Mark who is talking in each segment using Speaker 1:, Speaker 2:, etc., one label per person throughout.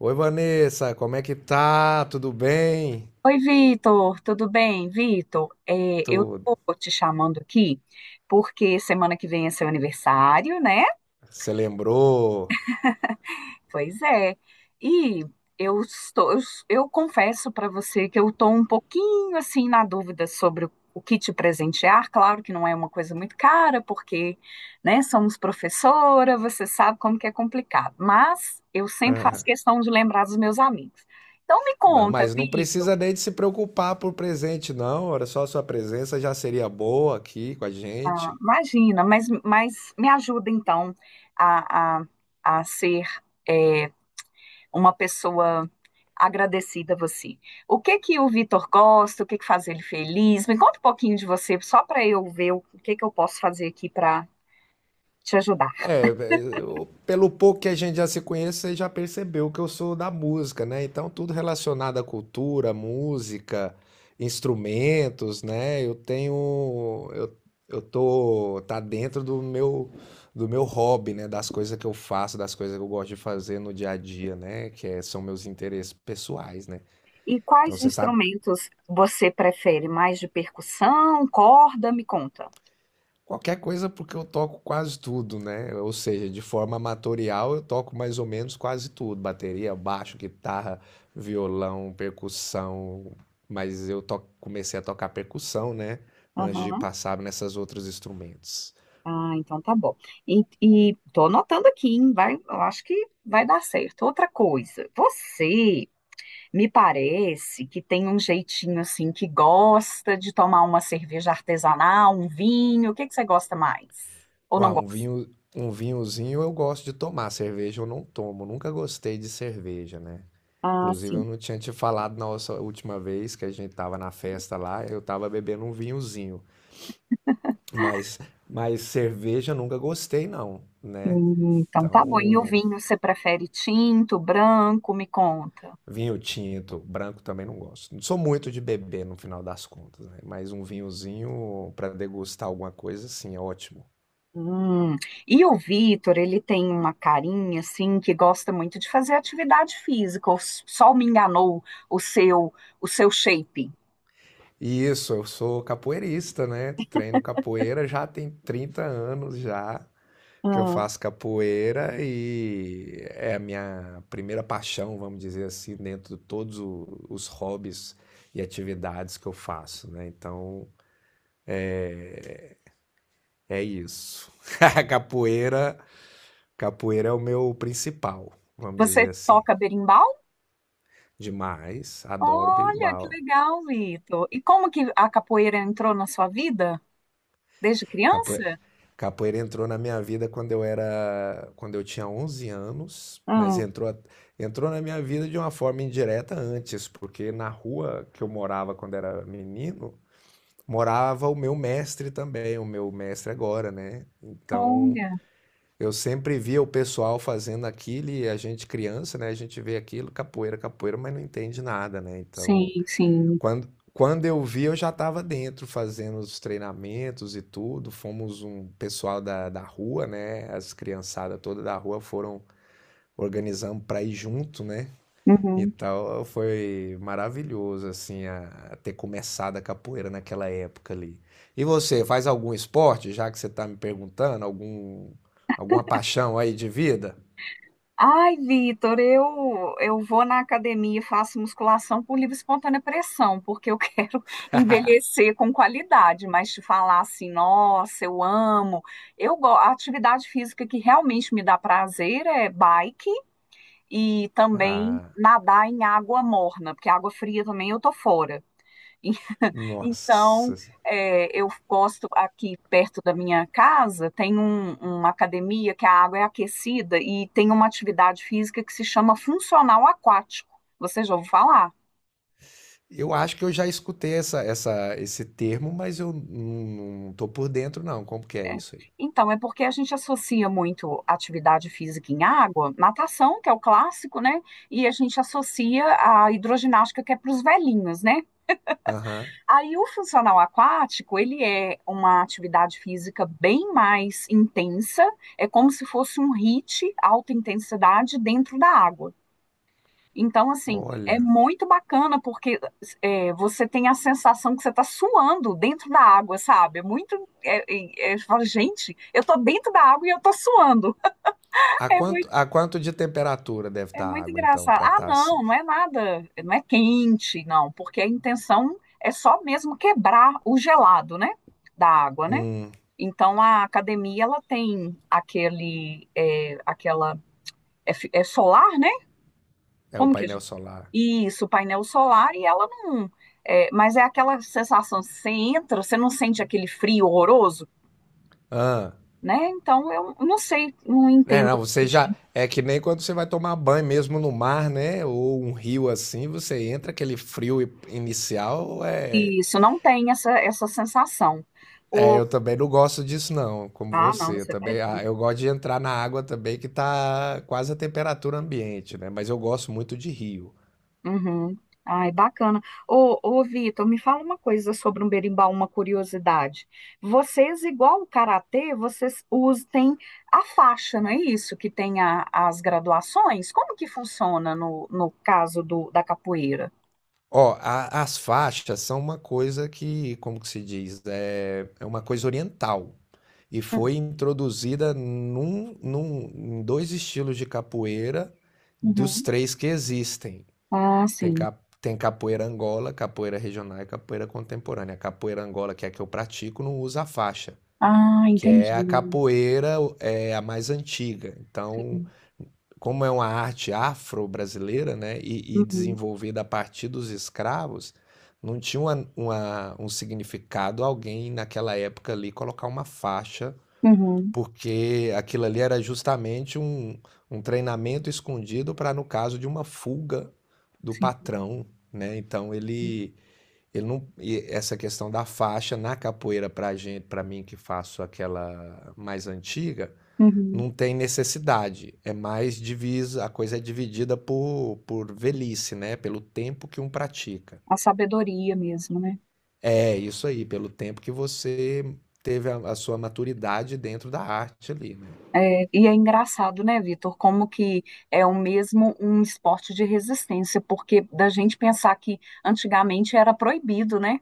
Speaker 1: Oi, Vanessa, como é que tá? Tudo bem?
Speaker 2: Oi, Vitor, tudo bem? Vitor, eu tô
Speaker 1: Tudo.
Speaker 2: te chamando aqui porque semana que vem é seu aniversário, né?
Speaker 1: Você lembrou?
Speaker 2: Pois é. E eu estou, eu, eu confesso para você que eu tô um pouquinho assim na dúvida sobre o que te presentear. Claro que não é uma coisa muito cara, porque, né, somos professora, você sabe como que é complicado. Mas eu sempre faço
Speaker 1: Ah,
Speaker 2: questão de lembrar dos meus amigos. Então me
Speaker 1: Não,
Speaker 2: conta,
Speaker 1: mas não
Speaker 2: Vitor.
Speaker 1: precisa nem de se preocupar por presente, não. Olha só, a sua presença já seria boa aqui com a gente.
Speaker 2: Imagina, mas me ajuda então a, a, a ser é, uma pessoa agradecida a você. O que que o Vitor gosta? O que que faz ele feliz? Me conta um pouquinho de você, só para eu ver o que que eu posso fazer aqui para te ajudar.
Speaker 1: É, pelo pouco que a gente já se conhece, você já percebeu que eu sou da música, né? Então, tudo relacionado à cultura, música, instrumentos, né? Eu tô, tá dentro do meu hobby, né? Das coisas que eu faço, das coisas que eu gosto de fazer no dia a dia, né? São meus interesses pessoais, né?
Speaker 2: E
Speaker 1: Então,
Speaker 2: quais
Speaker 1: você sabe,
Speaker 2: instrumentos você prefere? Mais de percussão, corda? Me conta.
Speaker 1: qualquer coisa, porque eu toco quase tudo, né? Ou seja, de forma amatorial eu toco mais ou menos quase tudo: bateria, baixo, guitarra, violão, percussão. Mas comecei a tocar percussão, né? Antes de
Speaker 2: Aham.
Speaker 1: passar nessas outros instrumentos.
Speaker 2: Ah, então tá bom. E tô anotando aqui, hein? Vai, eu acho que vai dar certo. Outra coisa, você me parece que tem um jeitinho assim que gosta de tomar uma cerveja artesanal, um vinho. O que que você gosta mais? Ou
Speaker 1: Ah,
Speaker 2: não
Speaker 1: um
Speaker 2: gosta?
Speaker 1: vinho, um vinhozinho eu gosto de tomar, cerveja eu não tomo. Nunca gostei de cerveja, né?
Speaker 2: Ah,
Speaker 1: Inclusive eu
Speaker 2: sim.
Speaker 1: não tinha te falado na nossa última vez que a gente tava na festa lá, eu tava bebendo um vinhozinho. Mas, mas cerveja nunca gostei, não, né?
Speaker 2: Então tá bom. E o
Speaker 1: Então,
Speaker 2: vinho, você prefere tinto, branco? Me conta.
Speaker 1: vinho tinto, branco também não gosto. Não sou muito de beber no final das contas, né? Mas um vinhozinho para degustar alguma coisa, sim, é ótimo.
Speaker 2: Hum. E o Vitor, ele tem uma carinha assim que gosta muito de fazer atividade física. Ou só me enganou o seu o seu shape.
Speaker 1: E isso, eu sou capoeirista, né? Treino capoeira já tem 30 anos já que eu
Speaker 2: Hum.
Speaker 1: faço capoeira e é a minha primeira paixão, vamos dizer assim, dentro de todos os hobbies e atividades que eu faço, né? Então, é isso. A Capoeira, capoeira é o meu principal, vamos
Speaker 2: Você
Speaker 1: dizer assim.
Speaker 2: toca berimbau?
Speaker 1: Demais, adoro
Speaker 2: Olha, que
Speaker 1: berimbau.
Speaker 2: legal, Vitor. E como que a capoeira entrou na sua vida? Desde
Speaker 1: Capoeira,
Speaker 2: criança?
Speaker 1: capoeira entrou na minha vida quando eu era, quando eu tinha 11 anos, mas
Speaker 2: Ah,
Speaker 1: entrou, entrou na minha vida de uma forma indireta antes, porque na rua que eu morava quando era menino, morava o meu mestre também, o meu mestre agora, né? Então,
Speaker 2: olha,
Speaker 1: eu sempre via o pessoal fazendo aquilo e a gente criança, né? A gente vê aquilo, capoeira, capoeira, mas não entende nada, né? Então,
Speaker 2: sim, sim.
Speaker 1: quando, quando eu vi, eu já estava dentro fazendo os treinamentos e tudo. Fomos um pessoal da rua, né? As criançadas toda da rua foram organizando para ir junto, né?
Speaker 2: Uhum.
Speaker 1: Então foi maravilhoso a ter começado a capoeira naquela época ali. E você faz algum esporte, já que você está me perguntando, algum, alguma paixão aí de vida?
Speaker 2: Ai, Vitor, eu vou na academia e faço musculação por livre e espontânea pressão, porque eu quero envelhecer com qualidade, mas te falar assim, nossa, eu amo. A atividade física que realmente me dá prazer é bike e também
Speaker 1: Ah,
Speaker 2: nadar em água morna, porque água fria também eu tô fora. Então,
Speaker 1: nossa.
Speaker 2: eu gosto aqui perto da minha casa, tem uma academia que a água é aquecida e tem uma atividade física que se chama funcional aquático. Você já ouviu falar?
Speaker 1: Eu acho que eu já escutei essa esse termo, mas eu não, não tô por dentro não. Como que é
Speaker 2: É.
Speaker 1: isso aí?
Speaker 2: Então, é porque a gente associa muito atividade física em água, natação, que é o clássico, né? E a gente associa a hidroginástica, que é para os velhinhos, né?
Speaker 1: Aham.
Speaker 2: Aí o funcional aquático, ele é uma atividade física bem mais intensa, é como se fosse um HIIT, alta intensidade, dentro da água. Então, assim, é
Speaker 1: Olha.
Speaker 2: muito bacana porque você tem a sensação que você está suando dentro da água, sabe? É muito. É, você fala, gente, eu estou dentro da água e eu estou suando.
Speaker 1: A
Speaker 2: É muito
Speaker 1: quanto, a quanto de temperatura deve
Speaker 2: É
Speaker 1: estar a
Speaker 2: muito
Speaker 1: água então
Speaker 2: engraçado.
Speaker 1: para
Speaker 2: Ah,
Speaker 1: estar
Speaker 2: não,
Speaker 1: assim?
Speaker 2: não é nada, não é quente, não, porque a intenção é só mesmo quebrar o gelado, né, da água, né?
Speaker 1: Hum,
Speaker 2: Então a academia ela tem aquela é solar, né?
Speaker 1: é o
Speaker 2: Como que a
Speaker 1: painel
Speaker 2: gente...
Speaker 1: solar.
Speaker 2: Isso, painel solar e ela não, mas é aquela sensação, você entra, você não sente aquele frio horroroso,
Speaker 1: Ah.
Speaker 2: né? Então eu não sei, não
Speaker 1: É,
Speaker 2: entendo
Speaker 1: não, você já. É que nem quando você vai tomar banho mesmo no mar, né? Ou um rio assim, você entra aquele frio inicial.
Speaker 2: isso, não tem essa sensação.
Speaker 1: É,
Speaker 2: O...
Speaker 1: eu também não gosto disso, não, como
Speaker 2: Ah, não,
Speaker 1: você. Eu
Speaker 2: você tá
Speaker 1: também, ah, eu gosto de entrar na água também, que tá quase a temperatura ambiente, né? Mas eu gosto muito de rio.
Speaker 2: uhum. Ai, bacana. Ô, ô, Vitor, me fala uma coisa sobre um berimbau, uma curiosidade. Vocês, igual o karatê, vocês usam, tem a faixa, não é isso? Que tem as graduações? Como que funciona no caso da capoeira?
Speaker 1: Ó, as faixas são uma coisa que, como que se diz? É, é uma coisa oriental, e
Speaker 2: Hum.
Speaker 1: foi introduzida em dois estilos de capoeira dos
Speaker 2: Uhum.
Speaker 1: três que existem.
Speaker 2: Ah, sim.
Speaker 1: Tem capoeira angola, capoeira regional e capoeira contemporânea. A capoeira angola, que é a que eu pratico, não usa faixa,
Speaker 2: Ah,
Speaker 1: que é a
Speaker 2: entendi.
Speaker 1: capoeira é a mais antiga. Então, como é uma arte afro-brasileira, né, e
Speaker 2: Uhum.
Speaker 1: desenvolvida a partir dos escravos, não tinha um significado alguém naquela época ali colocar uma faixa,
Speaker 2: Uhum.
Speaker 1: porque aquilo ali era justamente um treinamento escondido para, no caso de uma fuga do
Speaker 2: Sim.
Speaker 1: patrão, né? Então ele não, e essa questão da faixa na capoeira para gente, para mim que faço aquela mais antiga,
Speaker 2: Uhum.
Speaker 1: não tem necessidade. É mais divisa, a coisa é dividida por velhice, né? Pelo tempo que um pratica.
Speaker 2: A sabedoria mesmo, né?
Speaker 1: É isso aí, pelo tempo que você teve a sua maturidade dentro da arte ali, né?
Speaker 2: É, e é engraçado, né, Vitor, como que é o mesmo um esporte de resistência, porque da gente pensar que antigamente era proibido, né?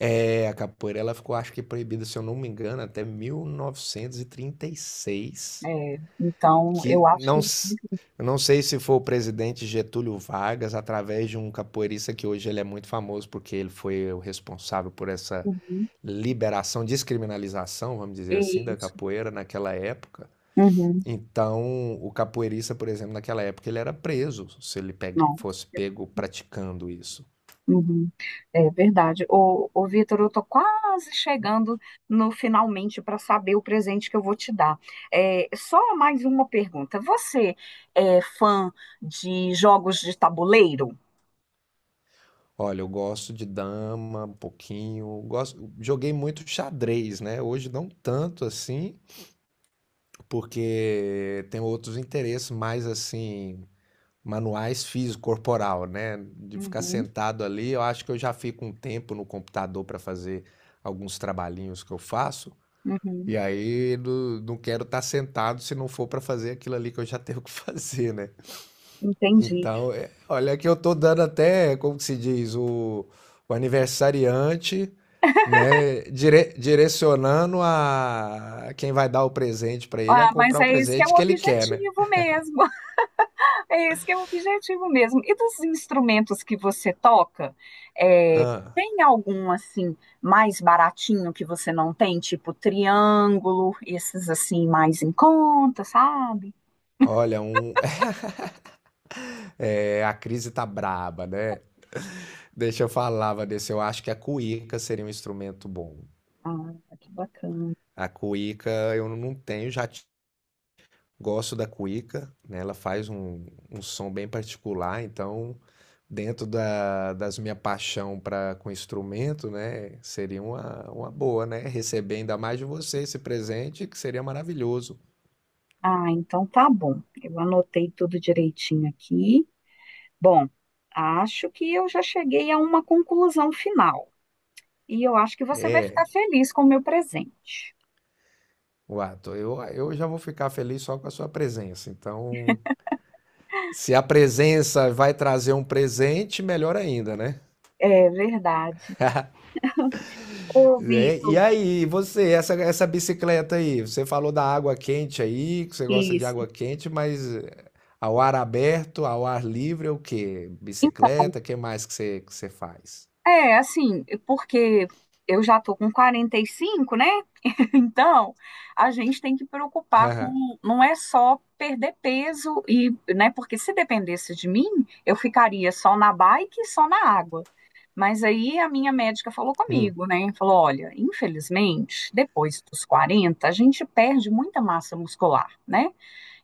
Speaker 1: É, a capoeira ela ficou, acho que proibida, se eu não me engano, até 1936,
Speaker 2: É, então, eu
Speaker 1: que
Speaker 2: acho.
Speaker 1: não, eu não sei se foi o presidente Getúlio Vargas, através de um capoeirista que hoje ele é muito famoso porque ele foi o responsável por essa
Speaker 2: Uhum,
Speaker 1: liberação, descriminalização, vamos dizer assim, da
Speaker 2: isso.
Speaker 1: capoeira naquela época.
Speaker 2: Uhum,
Speaker 1: Então, o capoeirista, por exemplo, naquela época ele era preso se ele
Speaker 2: não.
Speaker 1: fosse pego praticando isso.
Speaker 2: Uhum, é verdade. Ô, ô Vitor, eu tô quase chegando no finalmente para saber o presente que eu vou te dar. É, só mais uma pergunta. Você é fã de jogos de tabuleiro?
Speaker 1: Olha, eu gosto de dama um pouquinho, gosto, joguei muito xadrez, né? Hoje não tanto assim, porque tenho outros interesses mais assim, manuais físico corporal, né? De ficar
Speaker 2: Uhum,
Speaker 1: sentado ali, eu acho que eu já fico um tempo no computador para fazer alguns trabalhinhos que eu faço,
Speaker 2: uhum.
Speaker 1: e aí não quero estar sentado se não for para fazer aquilo ali que eu já tenho que fazer, né?
Speaker 2: Entendi.
Speaker 1: Então, olha que eu tô dando até, como que se diz, o aniversariante, né, direcionando a quem vai dar o presente para ele a
Speaker 2: Ah, mas
Speaker 1: comprar o
Speaker 2: é esse que é
Speaker 1: presente
Speaker 2: o
Speaker 1: que ele quer, né?
Speaker 2: objetivo mesmo. É esse que é o objetivo mesmo. E dos instrumentos que você toca, é,
Speaker 1: Ah,
Speaker 2: tem algum assim mais baratinho que você não tem, tipo triângulo, esses assim mais em conta, sabe?
Speaker 1: olha, um, é, a crise tá braba, né? Deixa eu falar, Vanessa, eu acho que a cuíca seria um instrumento bom.
Speaker 2: Ah, que bacana.
Speaker 1: A cuíca eu não tenho, já gosto da cuíca, né? Ela faz um som bem particular, então dentro das minha paixão para com instrumento, né? Seria uma boa, né? Receber ainda mais de você esse presente, que seria maravilhoso.
Speaker 2: Ah, então tá bom. Eu anotei tudo direitinho aqui. Bom, acho que eu já cheguei a uma conclusão final. E eu acho que você vai ficar
Speaker 1: É,
Speaker 2: feliz com o meu presente.
Speaker 1: Wato, eu já vou ficar feliz só com a sua presença. Então, se a presença vai trazer um presente, melhor ainda, né?
Speaker 2: É verdade. Ô,
Speaker 1: Né? E
Speaker 2: Vitor,
Speaker 1: aí, você, essa bicicleta aí, você falou da água quente aí, que você gosta de
Speaker 2: isso.
Speaker 1: água quente, mas ao ar aberto, ao ar livre, é o quê?
Speaker 2: Então,
Speaker 1: Bicicleta, o que mais que você faz?
Speaker 2: é assim, porque eu já tô com 45, né? Então, a gente tem que preocupar com, não é só perder peso e, né, porque se dependesse de mim, eu ficaria só na bike e só na água. Mas aí a minha médica falou
Speaker 1: Hum.
Speaker 2: comigo, né? Falou: olha, infelizmente, depois dos 40 a gente perde muita massa muscular, né?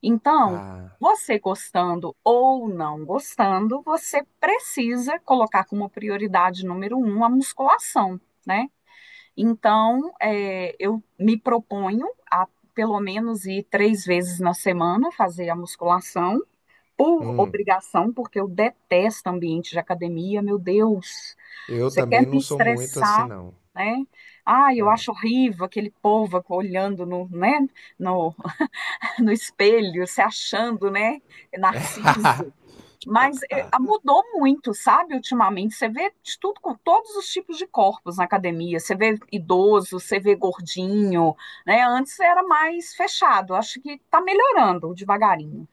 Speaker 2: Então,
Speaker 1: Ah,
Speaker 2: você gostando ou não gostando, você precisa colocar como prioridade número um a musculação, né? Então, eu me proponho a pelo menos ir três vezes na semana fazer a musculação, por
Speaker 1: hum.
Speaker 2: obrigação, porque eu detesto ambiente de academia, meu Deus,
Speaker 1: Eu
Speaker 2: você quer
Speaker 1: também
Speaker 2: me
Speaker 1: não sou muito assim,
Speaker 2: estressar,
Speaker 1: não.
Speaker 2: né? Ah, eu acho horrível aquele povo olhando né, no, no espelho, se achando, né, narciso. Mas mudou muito, sabe, ultimamente. Você vê de tudo com todos os tipos de corpos na academia. Você vê idoso, você vê gordinho, né? Antes era mais fechado. Acho que está melhorando devagarinho.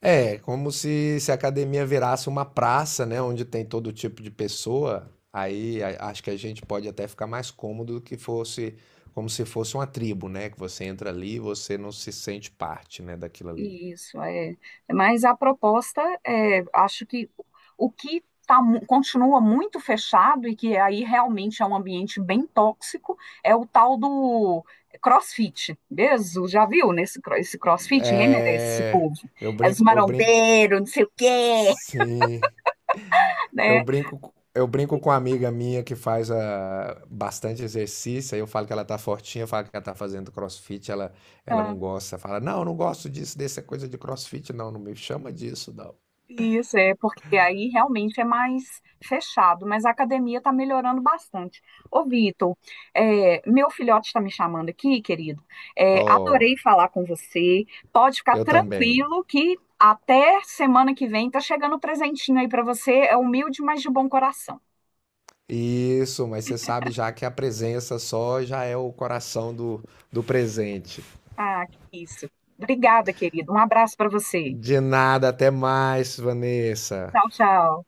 Speaker 1: É, como se a academia virasse uma praça, né, onde tem todo tipo de pessoa. Aí acho que a gente pode até ficar mais cômodo do que fosse, como se fosse uma tribo, né? Que você entra ali e você não se sente parte, né, daquilo ali.
Speaker 2: Isso, é. Mas a proposta, acho que o que continua muito fechado e que aí realmente é um ambiente bem tóxico é o tal do CrossFit. Mesmo, já viu esse CrossFit? Ninguém merece esse
Speaker 1: É,
Speaker 2: povo. É os
Speaker 1: eu brinco,
Speaker 2: marombeiros, não sei o quê,
Speaker 1: sim. Eu
Speaker 2: né?
Speaker 1: brinco, eu brinco com uma amiga minha que faz ah, bastante exercício, aí eu falo que ela tá fortinha, eu falo que ela tá fazendo crossfit, ela não
Speaker 2: Ah.
Speaker 1: gosta, fala, não, eu não gosto disso, dessa coisa de crossfit, não, não me chama disso, não.
Speaker 2: Isso, é porque aí realmente é mais fechado, mas a academia está melhorando bastante. Ô, Vitor, meu filhote está me chamando aqui, querido. É,
Speaker 1: Oh,
Speaker 2: adorei falar com você. Pode ficar
Speaker 1: eu também.
Speaker 2: tranquilo que até semana que vem tá chegando um presentinho aí para você. É humilde, mas de bom coração.
Speaker 1: Isso, mas você sabe já que a presença só já é o coração do, do presente.
Speaker 2: Ah, que isso. Obrigada, querido. Um abraço para você.
Speaker 1: De nada, até mais, Vanessa.
Speaker 2: Tchau, tchau.